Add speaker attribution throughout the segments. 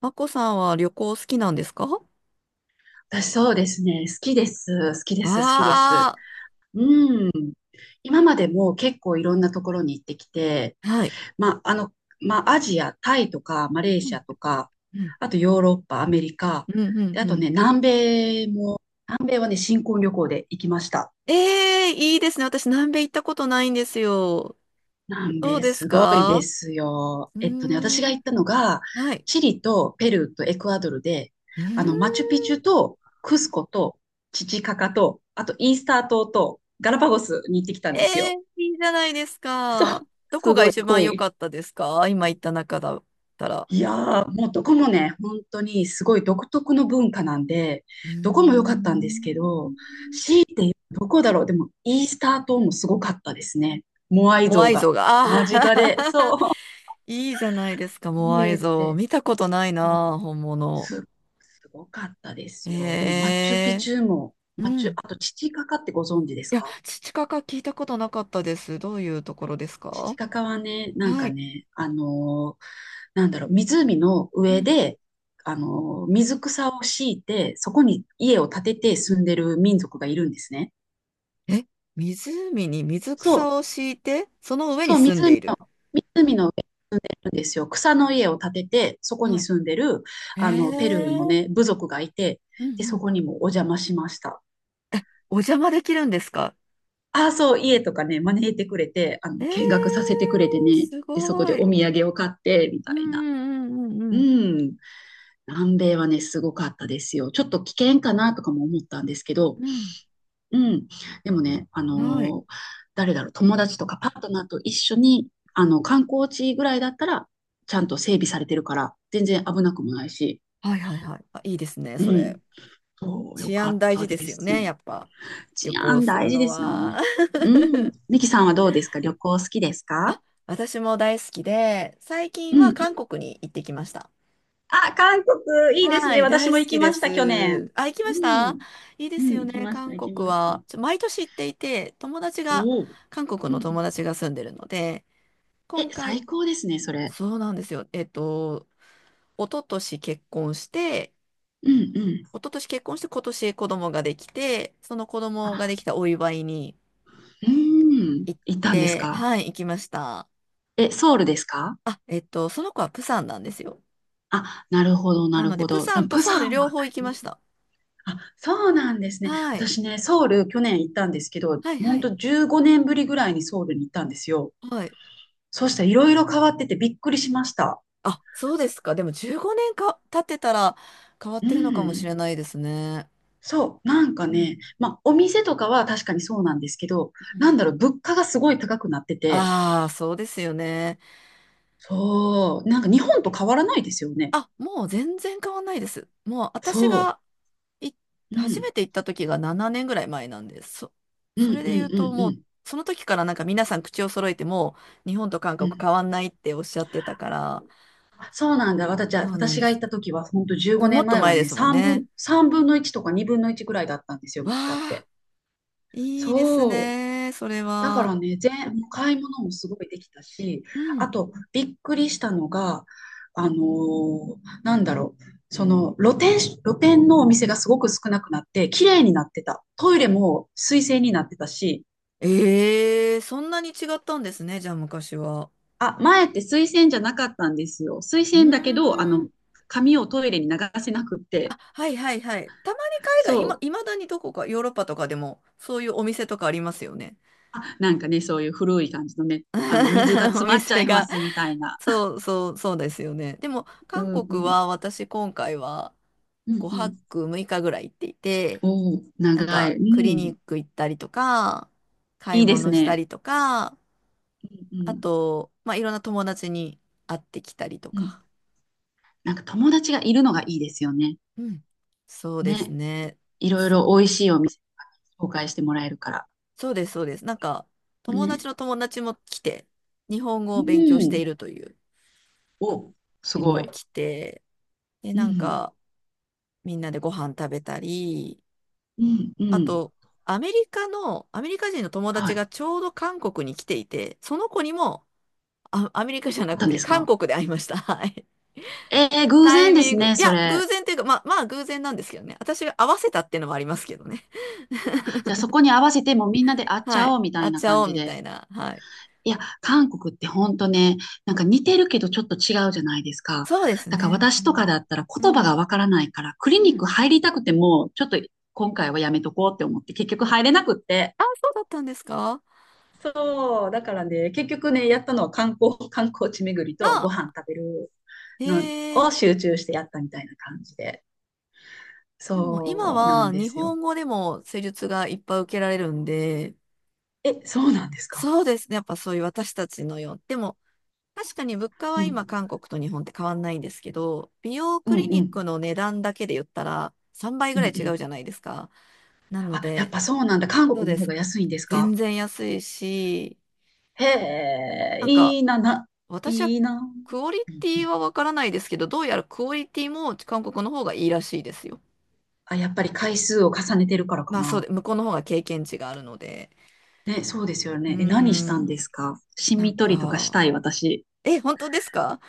Speaker 1: マコさんは旅行好きなんですか？わ
Speaker 2: 私そうですね。好きです。好きです。好きです。
Speaker 1: あ、
Speaker 2: うん。今までも結構いろんなところに行ってきて、
Speaker 1: はい。
Speaker 2: まあ、あの、まあ、アジア、タイとか、マレー
Speaker 1: う
Speaker 2: シ
Speaker 1: ん、
Speaker 2: アとか、
Speaker 1: うん、
Speaker 2: あとヨーロッパ、アメリカ、
Speaker 1: うん、うん。
Speaker 2: であ
Speaker 1: う
Speaker 2: と
Speaker 1: ん、
Speaker 2: ね、米も、南米はね、新婚旅行で行きました。
Speaker 1: ええ、いいですね。私、南米行ったことないんですよ。
Speaker 2: 南
Speaker 1: どう
Speaker 2: 米
Speaker 1: です
Speaker 2: すごいで
Speaker 1: か？
Speaker 2: すよ。
Speaker 1: うー
Speaker 2: 私が
Speaker 1: ん、
Speaker 2: 行ったのが、
Speaker 1: はい。
Speaker 2: チリとペルーとエクアドルで、
Speaker 1: うーん、
Speaker 2: マチュピチュとクスコとチチカカと、あとイースター島とガラパゴスに行ってきたん
Speaker 1: え
Speaker 2: です
Speaker 1: え、
Speaker 2: よ。
Speaker 1: いいじゃないです
Speaker 2: そ
Speaker 1: か。
Speaker 2: う。
Speaker 1: ど
Speaker 2: す
Speaker 1: こが
Speaker 2: ごい
Speaker 1: 一番
Speaker 2: 濃
Speaker 1: 良か
Speaker 2: い。
Speaker 1: ったですか？今行った中だったら。
Speaker 2: いやー、もうどこもね、本当にすごい独特の文化なんで、
Speaker 1: うー
Speaker 2: どこも良かったんです
Speaker 1: ん、
Speaker 2: けど、し、どこだろう、でもイースター島もすごかったですね。モアイ
Speaker 1: モア
Speaker 2: 像
Speaker 1: イ像
Speaker 2: が
Speaker 1: が、あ
Speaker 2: 間近で、
Speaker 1: ー。
Speaker 2: そ
Speaker 1: いいじゃないですか、
Speaker 2: う、見
Speaker 1: モアイ
Speaker 2: れ
Speaker 1: 像。
Speaker 2: て。
Speaker 1: 見たことない
Speaker 2: そう
Speaker 1: な、本物。
Speaker 2: す、すごかったですよ。でも、
Speaker 1: え
Speaker 2: マチュピ
Speaker 1: え、
Speaker 2: チュも、
Speaker 1: う
Speaker 2: マチュ、
Speaker 1: ん。
Speaker 2: あと、チチカカってご存知です
Speaker 1: いや、
Speaker 2: か？
Speaker 1: 土かか聞いたことなかったです。どういうところです
Speaker 2: チチ
Speaker 1: か？
Speaker 2: カカはね、なん
Speaker 1: は
Speaker 2: か
Speaker 1: い。
Speaker 2: ね、なんだろう、湖の
Speaker 1: う
Speaker 2: 上
Speaker 1: ん。
Speaker 2: で、水草を敷いて、そこに家を建てて住んでる民族がいるんですね。
Speaker 1: え、湖に水
Speaker 2: そう、
Speaker 1: 草を敷いて、その上に
Speaker 2: そう、
Speaker 1: 住んで
Speaker 2: 湖
Speaker 1: い
Speaker 2: の、
Speaker 1: る。
Speaker 2: 湖の上に住んでるんですよ。草の家を建てて、そこ
Speaker 1: は
Speaker 2: に
Speaker 1: い。
Speaker 2: 住んでる、
Speaker 1: え
Speaker 2: ペルー
Speaker 1: え。
Speaker 2: の
Speaker 1: うん、
Speaker 2: ね、部族がいて、
Speaker 1: う
Speaker 2: で、そ
Speaker 1: ん。
Speaker 2: こにもお邪魔しました。
Speaker 1: お邪魔できるんですか？
Speaker 2: ああ、そう、家とかね、招いてくれて、
Speaker 1: え
Speaker 2: 見学さ
Speaker 1: え、
Speaker 2: せてくれてね、
Speaker 1: す
Speaker 2: で、そこ
Speaker 1: ご
Speaker 2: でお
Speaker 1: い。
Speaker 2: 土産を買って、みた
Speaker 1: う
Speaker 2: いな。
Speaker 1: んうんうんう
Speaker 2: う
Speaker 1: ん。
Speaker 2: ん。南米はね、すごかったですよ。ちょっと危険かなとかも思ったんですけど、
Speaker 1: うん。
Speaker 2: うん。でもね、
Speaker 1: うん。はい。
Speaker 2: 誰だろう、友達とかパートナーと一緒に、観光地ぐらいだったら、ちゃんと整備されてるから、全然危なくもないし、
Speaker 1: はいはいはい。あ、いいですね、
Speaker 2: う
Speaker 1: それ。
Speaker 2: ん。そう、よ
Speaker 1: 治
Speaker 2: か
Speaker 1: 安
Speaker 2: っ
Speaker 1: 大
Speaker 2: た
Speaker 1: 事で
Speaker 2: で
Speaker 1: すよ
Speaker 2: す。
Speaker 1: ね、やっぱ。旅
Speaker 2: 治
Speaker 1: 行
Speaker 2: 安
Speaker 1: する
Speaker 2: 大事
Speaker 1: の
Speaker 2: ですよ
Speaker 1: は。
Speaker 2: ね。うん。ミキさんはどうですか？旅行好きですか？
Speaker 1: あ、私も大好きで、最近
Speaker 2: う
Speaker 1: は
Speaker 2: ん。
Speaker 1: 韓国に行ってきました。
Speaker 2: あ、韓国、いいです
Speaker 1: は
Speaker 2: ね。
Speaker 1: い、
Speaker 2: 私
Speaker 1: 大好
Speaker 2: も行
Speaker 1: き
Speaker 2: き
Speaker 1: で
Speaker 2: ました、去
Speaker 1: す。
Speaker 2: 年。
Speaker 1: あ、行き
Speaker 2: う
Speaker 1: ました？
Speaker 2: ん。
Speaker 1: いいで
Speaker 2: う
Speaker 1: す
Speaker 2: ん、
Speaker 1: よ
Speaker 2: 行き
Speaker 1: ね、
Speaker 2: ました、
Speaker 1: 韓
Speaker 2: 行き
Speaker 1: 国
Speaker 2: ました。
Speaker 1: は。ちょ毎年行っていて、友達が、
Speaker 2: おお。
Speaker 1: 韓国
Speaker 2: う
Speaker 1: の
Speaker 2: んう
Speaker 1: 友
Speaker 2: ん。
Speaker 1: 達が住んでるので、
Speaker 2: え、
Speaker 1: 今
Speaker 2: 最
Speaker 1: 回、
Speaker 2: 高ですね、それ。
Speaker 1: そうなんですよ。一昨年結婚して、
Speaker 2: うんうん。
Speaker 1: 一昨年結婚して今年子供ができて、その子供がで
Speaker 2: あ、
Speaker 1: きたお祝いに
Speaker 2: うん。
Speaker 1: 行っ
Speaker 2: 行ったんです
Speaker 1: て、
Speaker 2: か？
Speaker 1: はい、行きました。
Speaker 2: え、ソウルですか？
Speaker 1: あ、その子はプサンなんですよ。
Speaker 2: あ、なるほど、な
Speaker 1: な
Speaker 2: る
Speaker 1: ので、
Speaker 2: ほ
Speaker 1: プ
Speaker 2: ど。
Speaker 1: サ
Speaker 2: ダ
Speaker 1: ンと
Speaker 2: プ
Speaker 1: ソウ
Speaker 2: サ
Speaker 1: ル
Speaker 2: ンは
Speaker 1: 両方行き
Speaker 2: ない。
Speaker 1: ました。
Speaker 2: あ、そうなんですね。
Speaker 1: はい、
Speaker 2: 私ね、ソウル去年行ったんですけど、
Speaker 1: はい、
Speaker 2: ほ
Speaker 1: は
Speaker 2: ん
Speaker 1: い。
Speaker 2: と15年ぶりぐらいにソウルに行ったんですよ。
Speaker 1: はい。
Speaker 2: そうしたらいろいろ変わっててびっくりしました。
Speaker 1: あ、そうですか。でも15年か経ってたら変わっ
Speaker 2: う
Speaker 1: てるのかもし
Speaker 2: ん。
Speaker 1: れないですね。
Speaker 2: そう、なんか
Speaker 1: う
Speaker 2: ね、
Speaker 1: ん、
Speaker 2: まあ、お店とかは確かにそうなんですけど、
Speaker 1: う
Speaker 2: なん
Speaker 1: ん、
Speaker 2: だろう、物価がすごい高くなってて、
Speaker 1: ああ、そうですよね。
Speaker 2: そう、なんか日本と変わらないですよね。
Speaker 1: あ、もう全然変わんないです。もう私
Speaker 2: そ
Speaker 1: がい、
Speaker 2: う、う
Speaker 1: 初
Speaker 2: ん、
Speaker 1: めて行った時が7年ぐらい前なんです。
Speaker 2: うん、う
Speaker 1: それ
Speaker 2: ん、
Speaker 1: で言う
Speaker 2: う
Speaker 1: と
Speaker 2: ん、う
Speaker 1: もう、
Speaker 2: ん。
Speaker 1: その時から皆さん口を揃えてもう日本と韓
Speaker 2: う
Speaker 1: 国
Speaker 2: ん。
Speaker 1: 変わんないっておっしゃってたから、
Speaker 2: あ、そうなんだ。
Speaker 1: そうなん
Speaker 2: 私
Speaker 1: で
Speaker 2: が行
Speaker 1: す。
Speaker 2: った時は、本当15
Speaker 1: も
Speaker 2: 年
Speaker 1: っと
Speaker 2: 前は
Speaker 1: 前で
Speaker 2: ね、
Speaker 1: すもん
Speaker 2: 3
Speaker 1: ね。
Speaker 2: 分、3分の1とか2分の1ぐらいだったんですよ、
Speaker 1: わ
Speaker 2: 物価っ
Speaker 1: あ、
Speaker 2: て。
Speaker 1: いいです
Speaker 2: そう。
Speaker 1: ね。それ
Speaker 2: だか
Speaker 1: は。
Speaker 2: らね、もう買い物もすごいできたし、
Speaker 1: う
Speaker 2: あ
Speaker 1: ん。
Speaker 2: と、びっくりしたのが、あのーなんだろう、その露店のお店がすごく少なくなって、綺麗になってた。トイレも水洗になってたし、
Speaker 1: ええ、そんなに違ったんですね、じゃあ昔は。
Speaker 2: あ、前って水洗じゃなかったんですよ。水
Speaker 1: う
Speaker 2: 洗だけど、
Speaker 1: ーん。
Speaker 2: 紙をトイレに流せなくって、
Speaker 1: あ、はいはいはい。たまに海外、今、
Speaker 2: そう、
Speaker 1: いまだにどこか、ヨーロッパとかでも、そういうお店とかありますよね。
Speaker 2: あ、なんかね、そういう古い感じのね、水が
Speaker 1: お
Speaker 2: 詰まっちゃ
Speaker 1: 店
Speaker 2: いま
Speaker 1: が。
Speaker 2: すみたいな。
Speaker 1: そうそう、そうですよね。でも、
Speaker 2: う
Speaker 1: 韓
Speaker 2: んう
Speaker 1: 国
Speaker 2: ん。
Speaker 1: は私今回は
Speaker 2: うんう
Speaker 1: 5
Speaker 2: ん。
Speaker 1: 泊6日ぐらい行っていて、
Speaker 2: おお、長い。う
Speaker 1: クリニ
Speaker 2: ん。
Speaker 1: ック行ったりとか、買い
Speaker 2: いいです
Speaker 1: 物した
Speaker 2: ね。
Speaker 1: りとか、
Speaker 2: う
Speaker 1: あ
Speaker 2: ん。
Speaker 1: と、まあ、いろんな友達に会ってきたりと
Speaker 2: うん。
Speaker 1: か。
Speaker 2: なんか友達がいるのがいいですよね。
Speaker 1: うん。そうです
Speaker 2: ね。
Speaker 1: ね。
Speaker 2: いろい
Speaker 1: す、
Speaker 2: ろ美味しいお店紹介してもらえるから。
Speaker 1: そうです、そうです。友達
Speaker 2: ね。
Speaker 1: の友達も来て、日本語
Speaker 2: う
Speaker 1: を勉強してい
Speaker 2: ん。
Speaker 1: るという
Speaker 2: お、す
Speaker 1: 子
Speaker 2: ご
Speaker 1: も
Speaker 2: い。
Speaker 1: 来て、で、
Speaker 2: うん。
Speaker 1: みんなでご飯食べたり、
Speaker 2: うん。う
Speaker 1: あ
Speaker 2: ん。
Speaker 1: と、アメリカ人の友
Speaker 2: は
Speaker 1: 達が
Speaker 2: い。
Speaker 1: ちょうど韓国に来ていて、その子にも、あ、アメリカじゃ
Speaker 2: あ
Speaker 1: な
Speaker 2: っ
Speaker 1: く
Speaker 2: たんで
Speaker 1: て、
Speaker 2: す
Speaker 1: 韓
Speaker 2: か？
Speaker 1: 国で会いました。はい。
Speaker 2: えー、偶
Speaker 1: タイ
Speaker 2: 然で
Speaker 1: ミン
Speaker 2: す
Speaker 1: グ。
Speaker 2: ね、
Speaker 1: い
Speaker 2: そ
Speaker 1: や、偶
Speaker 2: れ。
Speaker 1: 然っていうか、まあ、偶然なんですけどね。私が合わせたっていうのもありますけどね。
Speaker 2: あ、じゃあそこに合わせてもうみんなで会っち
Speaker 1: は
Speaker 2: ゃお
Speaker 1: い。
Speaker 2: うみた
Speaker 1: あっ
Speaker 2: いな
Speaker 1: ちゃ
Speaker 2: 感
Speaker 1: おう
Speaker 2: じ
Speaker 1: みた
Speaker 2: で。
Speaker 1: いな。はい。
Speaker 2: いや、韓国ってほんとね、なんか似てるけどちょっと違うじゃないですか。
Speaker 1: そうです
Speaker 2: だから
Speaker 1: ね。う
Speaker 2: 私とかだ
Speaker 1: ん。
Speaker 2: ったら言
Speaker 1: う
Speaker 2: 葉
Speaker 1: ん。
Speaker 2: がわからないから、クリ
Speaker 1: う
Speaker 2: ニック
Speaker 1: ん。
Speaker 2: 入りたくても、ちょっと今回はやめとこうって思って、結局入れなくって。
Speaker 1: あ、そうだったんですか？
Speaker 2: そう、だからね、結局ね、やったのは観光、観光地巡りとご
Speaker 1: あ、
Speaker 2: 飯食べる
Speaker 1: へ
Speaker 2: の
Speaker 1: え。
Speaker 2: を集中してやったみたいな感じで。
Speaker 1: でも今
Speaker 2: そうなん
Speaker 1: は
Speaker 2: で
Speaker 1: 日
Speaker 2: すよ。
Speaker 1: 本語でも施術がいっぱい受けられるんで、
Speaker 2: え、そうなんですか。
Speaker 1: そうですね。やっぱそういう私たちのよう。でも確かに物価
Speaker 2: う
Speaker 1: は今
Speaker 2: ん、
Speaker 1: 韓国と日本って変わんないんですけど、美容
Speaker 2: うん、
Speaker 1: クリ
Speaker 2: う
Speaker 1: ニッ
Speaker 2: ん、
Speaker 1: クの値段だけで言ったら3倍
Speaker 2: う
Speaker 1: ぐ
Speaker 2: ん、
Speaker 1: ら
Speaker 2: う
Speaker 1: い違う
Speaker 2: ん。
Speaker 1: じゃないですか。なの
Speaker 2: あ、やっ
Speaker 1: で、
Speaker 2: ぱそうなんだ。韓
Speaker 1: そう
Speaker 2: 国
Speaker 1: で
Speaker 2: の方
Speaker 1: す。
Speaker 2: が安いんですか？
Speaker 1: 全然安いし、
Speaker 2: へ
Speaker 1: こ
Speaker 2: え、
Speaker 1: なんか
Speaker 2: いいな、
Speaker 1: 私は
Speaker 2: いいな。う
Speaker 1: クオリ
Speaker 2: ん
Speaker 1: テ
Speaker 2: う
Speaker 1: ィ
Speaker 2: ん。
Speaker 1: はわからないですけど、どうやらクオリティも韓国の方がいいらしいですよ。
Speaker 2: あ、やっぱり回数を重ねてるからか
Speaker 1: まあそう
Speaker 2: な。
Speaker 1: で、向こうの方が経験値があるので。
Speaker 2: ね、そうですよ
Speaker 1: うー
Speaker 2: ね。え、何したんで
Speaker 1: ん、
Speaker 2: すか？シ
Speaker 1: なん
Speaker 2: ミ取りとかし
Speaker 1: か、
Speaker 2: たい、私。
Speaker 1: え、本当ですか？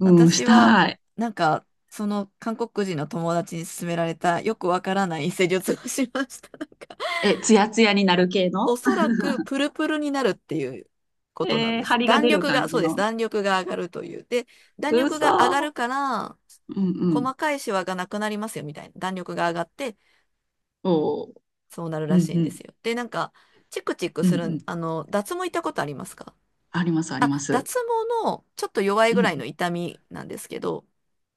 Speaker 2: うん、し
Speaker 1: 私は、
Speaker 2: たい。
Speaker 1: なんか、その韓国人の友達に勧められたよくわからない施術をしました。
Speaker 2: え、ツヤツヤになる系
Speaker 1: お
Speaker 2: の？
Speaker 1: そらくプルプルになるっていうことなん
Speaker 2: えー、
Speaker 1: で
Speaker 2: 張
Speaker 1: す。
Speaker 2: りが
Speaker 1: 弾
Speaker 2: 出る
Speaker 1: 力
Speaker 2: 感
Speaker 1: が、そ
Speaker 2: じ
Speaker 1: うです。
Speaker 2: の。
Speaker 1: 弾力が上がるという。で、弾力が上がる
Speaker 2: 嘘。
Speaker 1: から、
Speaker 2: うんうん。
Speaker 1: 細かいシワがなくなりますよみたいな。弾力が上がって、
Speaker 2: おー。
Speaker 1: そうなる
Speaker 2: う
Speaker 1: ら
Speaker 2: ん
Speaker 1: しい
Speaker 2: う
Speaker 1: んで
Speaker 2: ん。
Speaker 1: すよ。で、チクチク
Speaker 2: うんう
Speaker 1: する、
Speaker 2: ん。
Speaker 1: 脱毛行ったことありますか？
Speaker 2: あります、あり
Speaker 1: あ、
Speaker 2: ます。
Speaker 1: 脱毛のちょっと弱い
Speaker 2: うん
Speaker 1: ぐ
Speaker 2: う
Speaker 1: らいの
Speaker 2: ん。
Speaker 1: 痛みなんですけど、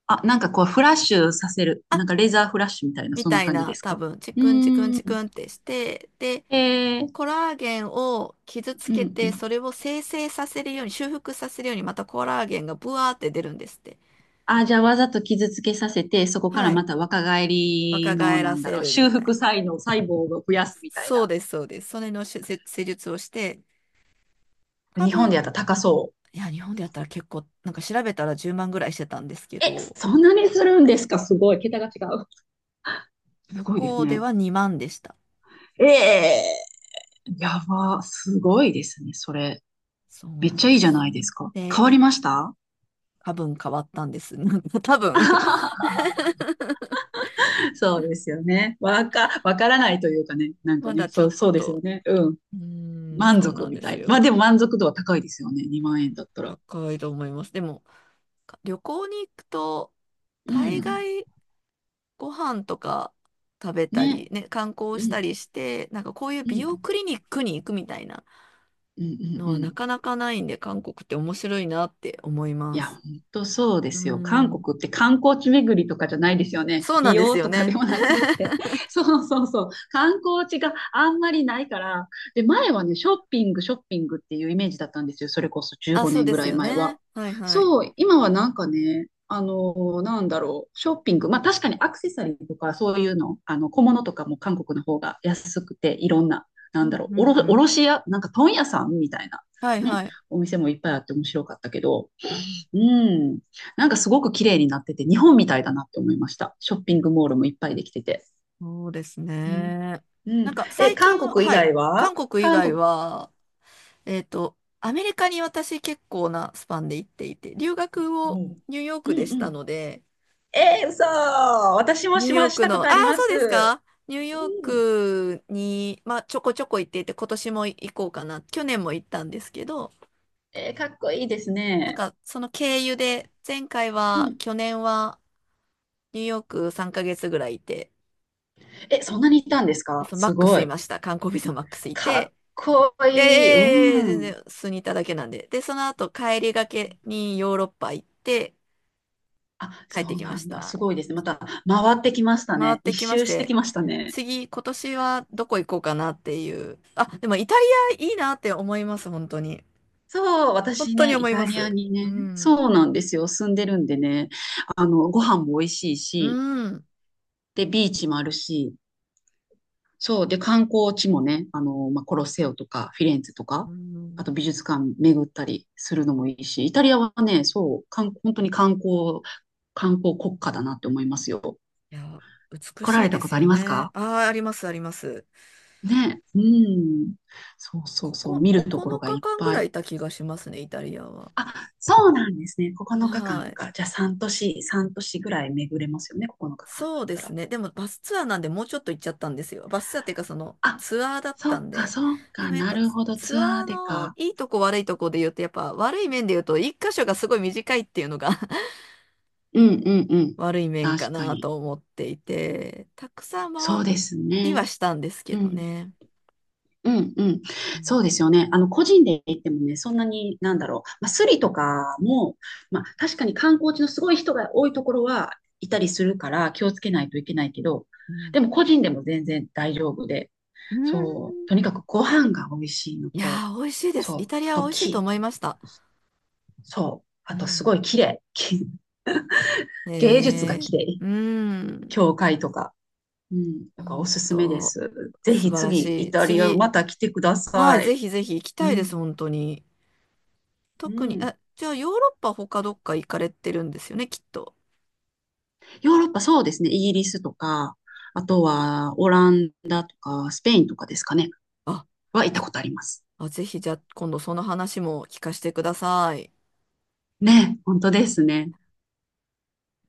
Speaker 2: あ、なんかこう、フラッシュさせる。なんかレーザーフラッシュみたいな、
Speaker 1: み
Speaker 2: そんな
Speaker 1: たい
Speaker 2: 感じ
Speaker 1: な、
Speaker 2: です
Speaker 1: 多
Speaker 2: か？
Speaker 1: 分、チ
Speaker 2: う
Speaker 1: クンチクン
Speaker 2: ーん。
Speaker 1: チクンってして、で、
Speaker 2: え
Speaker 1: コ
Speaker 2: ー、
Speaker 1: ラーゲンを傷つ
Speaker 2: うん
Speaker 1: け
Speaker 2: う
Speaker 1: て、
Speaker 2: ん。
Speaker 1: それを生成させるように、修復させるように、またコラーゲンがブワーって出るんですって。
Speaker 2: あ、じゃあわざと傷つけさせて、そこから
Speaker 1: は
Speaker 2: ま
Speaker 1: い。
Speaker 2: た若返
Speaker 1: 若
Speaker 2: りの、
Speaker 1: 返ら
Speaker 2: なんだ
Speaker 1: せ
Speaker 2: ろう、
Speaker 1: るみ
Speaker 2: 修
Speaker 1: たい
Speaker 2: 復
Speaker 1: な。
Speaker 2: 才能、細胞を増やすみたい
Speaker 1: そう
Speaker 2: な。
Speaker 1: です、そうです。それの手術施術をして、多
Speaker 2: 日本で
Speaker 1: 分、
Speaker 2: やったら高そう。
Speaker 1: いや、日本でやったら結構、なんか調べたら10万ぐらいしてたんですけ
Speaker 2: え、
Speaker 1: ど、
Speaker 2: そんなにするんですか？すごい。桁が違う。す
Speaker 1: 向
Speaker 2: ごいで
Speaker 1: こ
Speaker 2: す
Speaker 1: うで
Speaker 2: ね。
Speaker 1: は2万でした。
Speaker 2: ええ。やば。すごいですね。それ。
Speaker 1: そう
Speaker 2: めっ
Speaker 1: な
Speaker 2: ち
Speaker 1: ん
Speaker 2: ゃいい
Speaker 1: で
Speaker 2: じゃ
Speaker 1: す。
Speaker 2: ないですか。
Speaker 1: で、
Speaker 2: 変わりました？
Speaker 1: 多分変わったんです。なんか多分。
Speaker 2: そうですよね。わからないというかね。な んか
Speaker 1: ま
Speaker 2: ね、
Speaker 1: だちょ
Speaker 2: そう、
Speaker 1: っ
Speaker 2: そう
Speaker 1: と、
Speaker 2: ですよね。うん。
Speaker 1: うーん、
Speaker 2: 満
Speaker 1: そう
Speaker 2: 足
Speaker 1: なん
Speaker 2: み
Speaker 1: で
Speaker 2: た
Speaker 1: す
Speaker 2: い。まあで
Speaker 1: よ。
Speaker 2: も満足度は高いですよね。2万円だったら。
Speaker 1: 高いと思います。でも、か旅行に行くと、
Speaker 2: う
Speaker 1: 大
Speaker 2: ん。
Speaker 1: 概ご飯とか食べた
Speaker 2: ね。
Speaker 1: り、ね、観光
Speaker 2: う
Speaker 1: した
Speaker 2: ん。
Speaker 1: りして、なんかこういう
Speaker 2: う
Speaker 1: 美容
Speaker 2: ん
Speaker 1: クリニックに行くみたいな
Speaker 2: うん
Speaker 1: の
Speaker 2: うんう
Speaker 1: はな
Speaker 2: ん。
Speaker 1: かなかないんで、韓国って面白いなって思い
Speaker 2: い
Speaker 1: ま
Speaker 2: や、
Speaker 1: す。
Speaker 2: 本当そうで
Speaker 1: うー
Speaker 2: すよ。韓
Speaker 1: ん。
Speaker 2: 国って観光地巡りとかじゃないですよね。
Speaker 1: そうな
Speaker 2: 美
Speaker 1: んです
Speaker 2: 容
Speaker 1: よ
Speaker 2: とかで
Speaker 1: ね。
Speaker 2: もなくって。そうそうそう。観光地があんまりないから。で、前はね、ショッピングっていうイメージだったんですよ。それこそ15
Speaker 1: あ、そう
Speaker 2: 年
Speaker 1: で
Speaker 2: ぐら
Speaker 1: す
Speaker 2: い
Speaker 1: よ
Speaker 2: 前は。
Speaker 1: ね。はいはい。
Speaker 2: そう、今はなんかね、なんだろう、ショッピング。まあ確かにアクセサリーとかそういうの、小物とかも韓国の方が安くて、いろんな、な
Speaker 1: う
Speaker 2: んだ
Speaker 1: ん
Speaker 2: ろう、
Speaker 1: うんうん。
Speaker 2: 卸屋、なんか問屋さんみたいな、
Speaker 1: はいは
Speaker 2: ね、
Speaker 1: い。
Speaker 2: お店もいっぱいあって面白かったけど、
Speaker 1: うん、
Speaker 2: うん。なんかすごく綺麗になってて、日本みたいだなって思いました。ショッピングモールもいっぱいできてて。
Speaker 1: そうです
Speaker 2: うん、
Speaker 1: ね。
Speaker 2: うん。
Speaker 1: なんか
Speaker 2: え、
Speaker 1: 最
Speaker 2: 韓
Speaker 1: 近は、
Speaker 2: 国以
Speaker 1: はい。
Speaker 2: 外
Speaker 1: 韓
Speaker 2: は
Speaker 1: 国以
Speaker 2: 韓
Speaker 1: 外
Speaker 2: 国、
Speaker 1: は、アメリカに私結構なスパンで行っていて、留学
Speaker 2: う
Speaker 1: を
Speaker 2: ん、
Speaker 1: ニューヨー
Speaker 2: う
Speaker 1: クで
Speaker 2: ん
Speaker 1: し
Speaker 2: う
Speaker 1: た
Speaker 2: ん。
Speaker 1: ので、
Speaker 2: えー、嘘。私も
Speaker 1: ニュー
Speaker 2: し
Speaker 1: ヨ
Speaker 2: ま
Speaker 1: ー
Speaker 2: し
Speaker 1: ク
Speaker 2: たこ
Speaker 1: の、あ
Speaker 2: とあ
Speaker 1: あ、
Speaker 2: りま
Speaker 1: そうです
Speaker 2: す。
Speaker 1: か。ニュー
Speaker 2: う
Speaker 1: ヨー
Speaker 2: ん。
Speaker 1: クに、まあ、ちょこちょこ行っていて、今年も行こうかな。去年も行ったんですけど、
Speaker 2: えー、かっこいいですね。
Speaker 1: その経由で、前回
Speaker 2: う
Speaker 1: は、
Speaker 2: ん。
Speaker 1: 去年は、ニューヨーク3ヶ月ぐらいいて、
Speaker 2: え、そんなにいたんです
Speaker 1: あ
Speaker 2: か？
Speaker 1: と、マッ
Speaker 2: す
Speaker 1: ク
Speaker 2: ご
Speaker 1: スい
Speaker 2: い。
Speaker 1: ました。観光ビザマックスい
Speaker 2: かっ
Speaker 1: て、
Speaker 2: こいい。う
Speaker 1: ええ全
Speaker 2: ん。
Speaker 1: 然、数にいただけなんで。で、その後、帰りがけにヨーロッパ行って、
Speaker 2: あ、
Speaker 1: 帰っ
Speaker 2: そ
Speaker 1: て
Speaker 2: う
Speaker 1: きま
Speaker 2: な
Speaker 1: し
Speaker 2: んだ。す
Speaker 1: た。
Speaker 2: ごいですね。また回ってきました
Speaker 1: 回っ
Speaker 2: ね。一
Speaker 1: てきまし
Speaker 2: 周して
Speaker 1: て、
Speaker 2: きましたね。
Speaker 1: 次、今年はどこ行こうかなっていう。あ、でもイタリアいいなって思います、本当に。
Speaker 2: そう、
Speaker 1: 本
Speaker 2: 私
Speaker 1: 当に
Speaker 2: ね、
Speaker 1: 思
Speaker 2: イ
Speaker 1: い
Speaker 2: タ
Speaker 1: ま
Speaker 2: リア
Speaker 1: す。
Speaker 2: に
Speaker 1: う
Speaker 2: ね、
Speaker 1: ん。
Speaker 2: そうなんですよ、住んでるんでね、ご飯も美味しいし、
Speaker 1: うん。
Speaker 2: で、ビーチもあるし、そう、で、観光地もね、まあ、コロッセオとか、フィレンツェと
Speaker 1: う
Speaker 2: か、あ
Speaker 1: ん。
Speaker 2: と美術館巡ったりするのもいいし、イタリアはね、そう、本当に観光国家だなって思いますよ。
Speaker 1: いや、美
Speaker 2: 来
Speaker 1: し
Speaker 2: ら
Speaker 1: い
Speaker 2: れた
Speaker 1: で
Speaker 2: こ
Speaker 1: す
Speaker 2: とあり
Speaker 1: よ
Speaker 2: ます
Speaker 1: ね。
Speaker 2: か？
Speaker 1: ああ、あります、あります。
Speaker 2: ね、うん。そうそう
Speaker 1: こ
Speaker 2: そ
Speaker 1: こ、
Speaker 2: う、見ると
Speaker 1: 9
Speaker 2: ころが
Speaker 1: 日
Speaker 2: いっ
Speaker 1: 間ぐ
Speaker 2: ぱ
Speaker 1: らい
Speaker 2: い。
Speaker 1: いた気がしますね、イタリアは。
Speaker 2: そうなんですね。9日間
Speaker 1: は
Speaker 2: か
Speaker 1: い。
Speaker 2: かんか。じゃあ3年ぐらい巡れますよね。9日間だ
Speaker 1: そう
Speaker 2: っ
Speaker 1: で
Speaker 2: た
Speaker 1: す
Speaker 2: ら。
Speaker 1: ね。でもバスツアーなんでもうちょっと行っちゃったんですよ。バスツアーっていうかその
Speaker 2: あ、
Speaker 1: ツアーだっ
Speaker 2: そ
Speaker 1: た
Speaker 2: っ
Speaker 1: ん
Speaker 2: か、
Speaker 1: で。
Speaker 2: そっ
Speaker 1: で
Speaker 2: か。
Speaker 1: もやっ
Speaker 2: な
Speaker 1: ぱ
Speaker 2: るほど。ツ
Speaker 1: ツ
Speaker 2: ア
Speaker 1: アー
Speaker 2: ーで
Speaker 1: の
Speaker 2: か。
Speaker 1: いいとこ悪いとこで言うとやっぱ悪い面で言うと一箇所がすごい短いっていうのが
Speaker 2: うんうんう ん。
Speaker 1: 悪い面か
Speaker 2: 確か
Speaker 1: な
Speaker 2: に。
Speaker 1: と思っていて、たくさん回
Speaker 2: そうです
Speaker 1: り
Speaker 2: ね。
Speaker 1: はしたんですけ
Speaker 2: う
Speaker 1: ど
Speaker 2: ん。
Speaker 1: ね。
Speaker 2: うんうん。
Speaker 1: う
Speaker 2: そ
Speaker 1: ん
Speaker 2: うですよね。個人で行ってもね、そんなに、なんだろう。まあ、スリとかも、まあ、確かに観光地のすごい人が多いところはいたりするから気をつけないといけないけど、
Speaker 1: うん
Speaker 2: でも個人でも全然大丈夫で、
Speaker 1: う
Speaker 2: そう。
Speaker 1: ん。
Speaker 2: とにかくご飯が美味しいの
Speaker 1: い
Speaker 2: と、
Speaker 1: やー、美味しいです。
Speaker 2: そ
Speaker 1: イ
Speaker 2: う。
Speaker 1: タリ
Speaker 2: あ
Speaker 1: ア
Speaker 2: と
Speaker 1: は美味しいと
Speaker 2: 木、
Speaker 1: 思いました。
Speaker 2: そう。
Speaker 1: う
Speaker 2: あとす
Speaker 1: ん。
Speaker 2: ごい綺麗。芸術が
Speaker 1: えー、
Speaker 2: 綺麗。
Speaker 1: うん。
Speaker 2: 教会とか。うん。だから
Speaker 1: 本
Speaker 2: おすすめで
Speaker 1: 当、
Speaker 2: す。ぜ
Speaker 1: 素
Speaker 2: ひ
Speaker 1: 晴ら
Speaker 2: 次、
Speaker 1: し
Speaker 2: イ
Speaker 1: い。
Speaker 2: タリア
Speaker 1: 次、
Speaker 2: また来てくだ
Speaker 1: はい、
Speaker 2: さ
Speaker 1: ぜ
Speaker 2: い。
Speaker 1: ひぜひ行き
Speaker 2: う
Speaker 1: たいで
Speaker 2: ん。
Speaker 1: す、本当に。
Speaker 2: う
Speaker 1: 特に、
Speaker 2: ん。
Speaker 1: あ、じゃあヨーロッパ他どっか行かれてるんですよね、きっと。
Speaker 2: ヨーロッパそうですね。イギリスとか、あとはオランダとか、スペインとかですかね。
Speaker 1: あ、
Speaker 2: は行ったことあります。
Speaker 1: あ、ぜひじゃあ今度その話も聞かせてください。
Speaker 2: ね、本当ですね。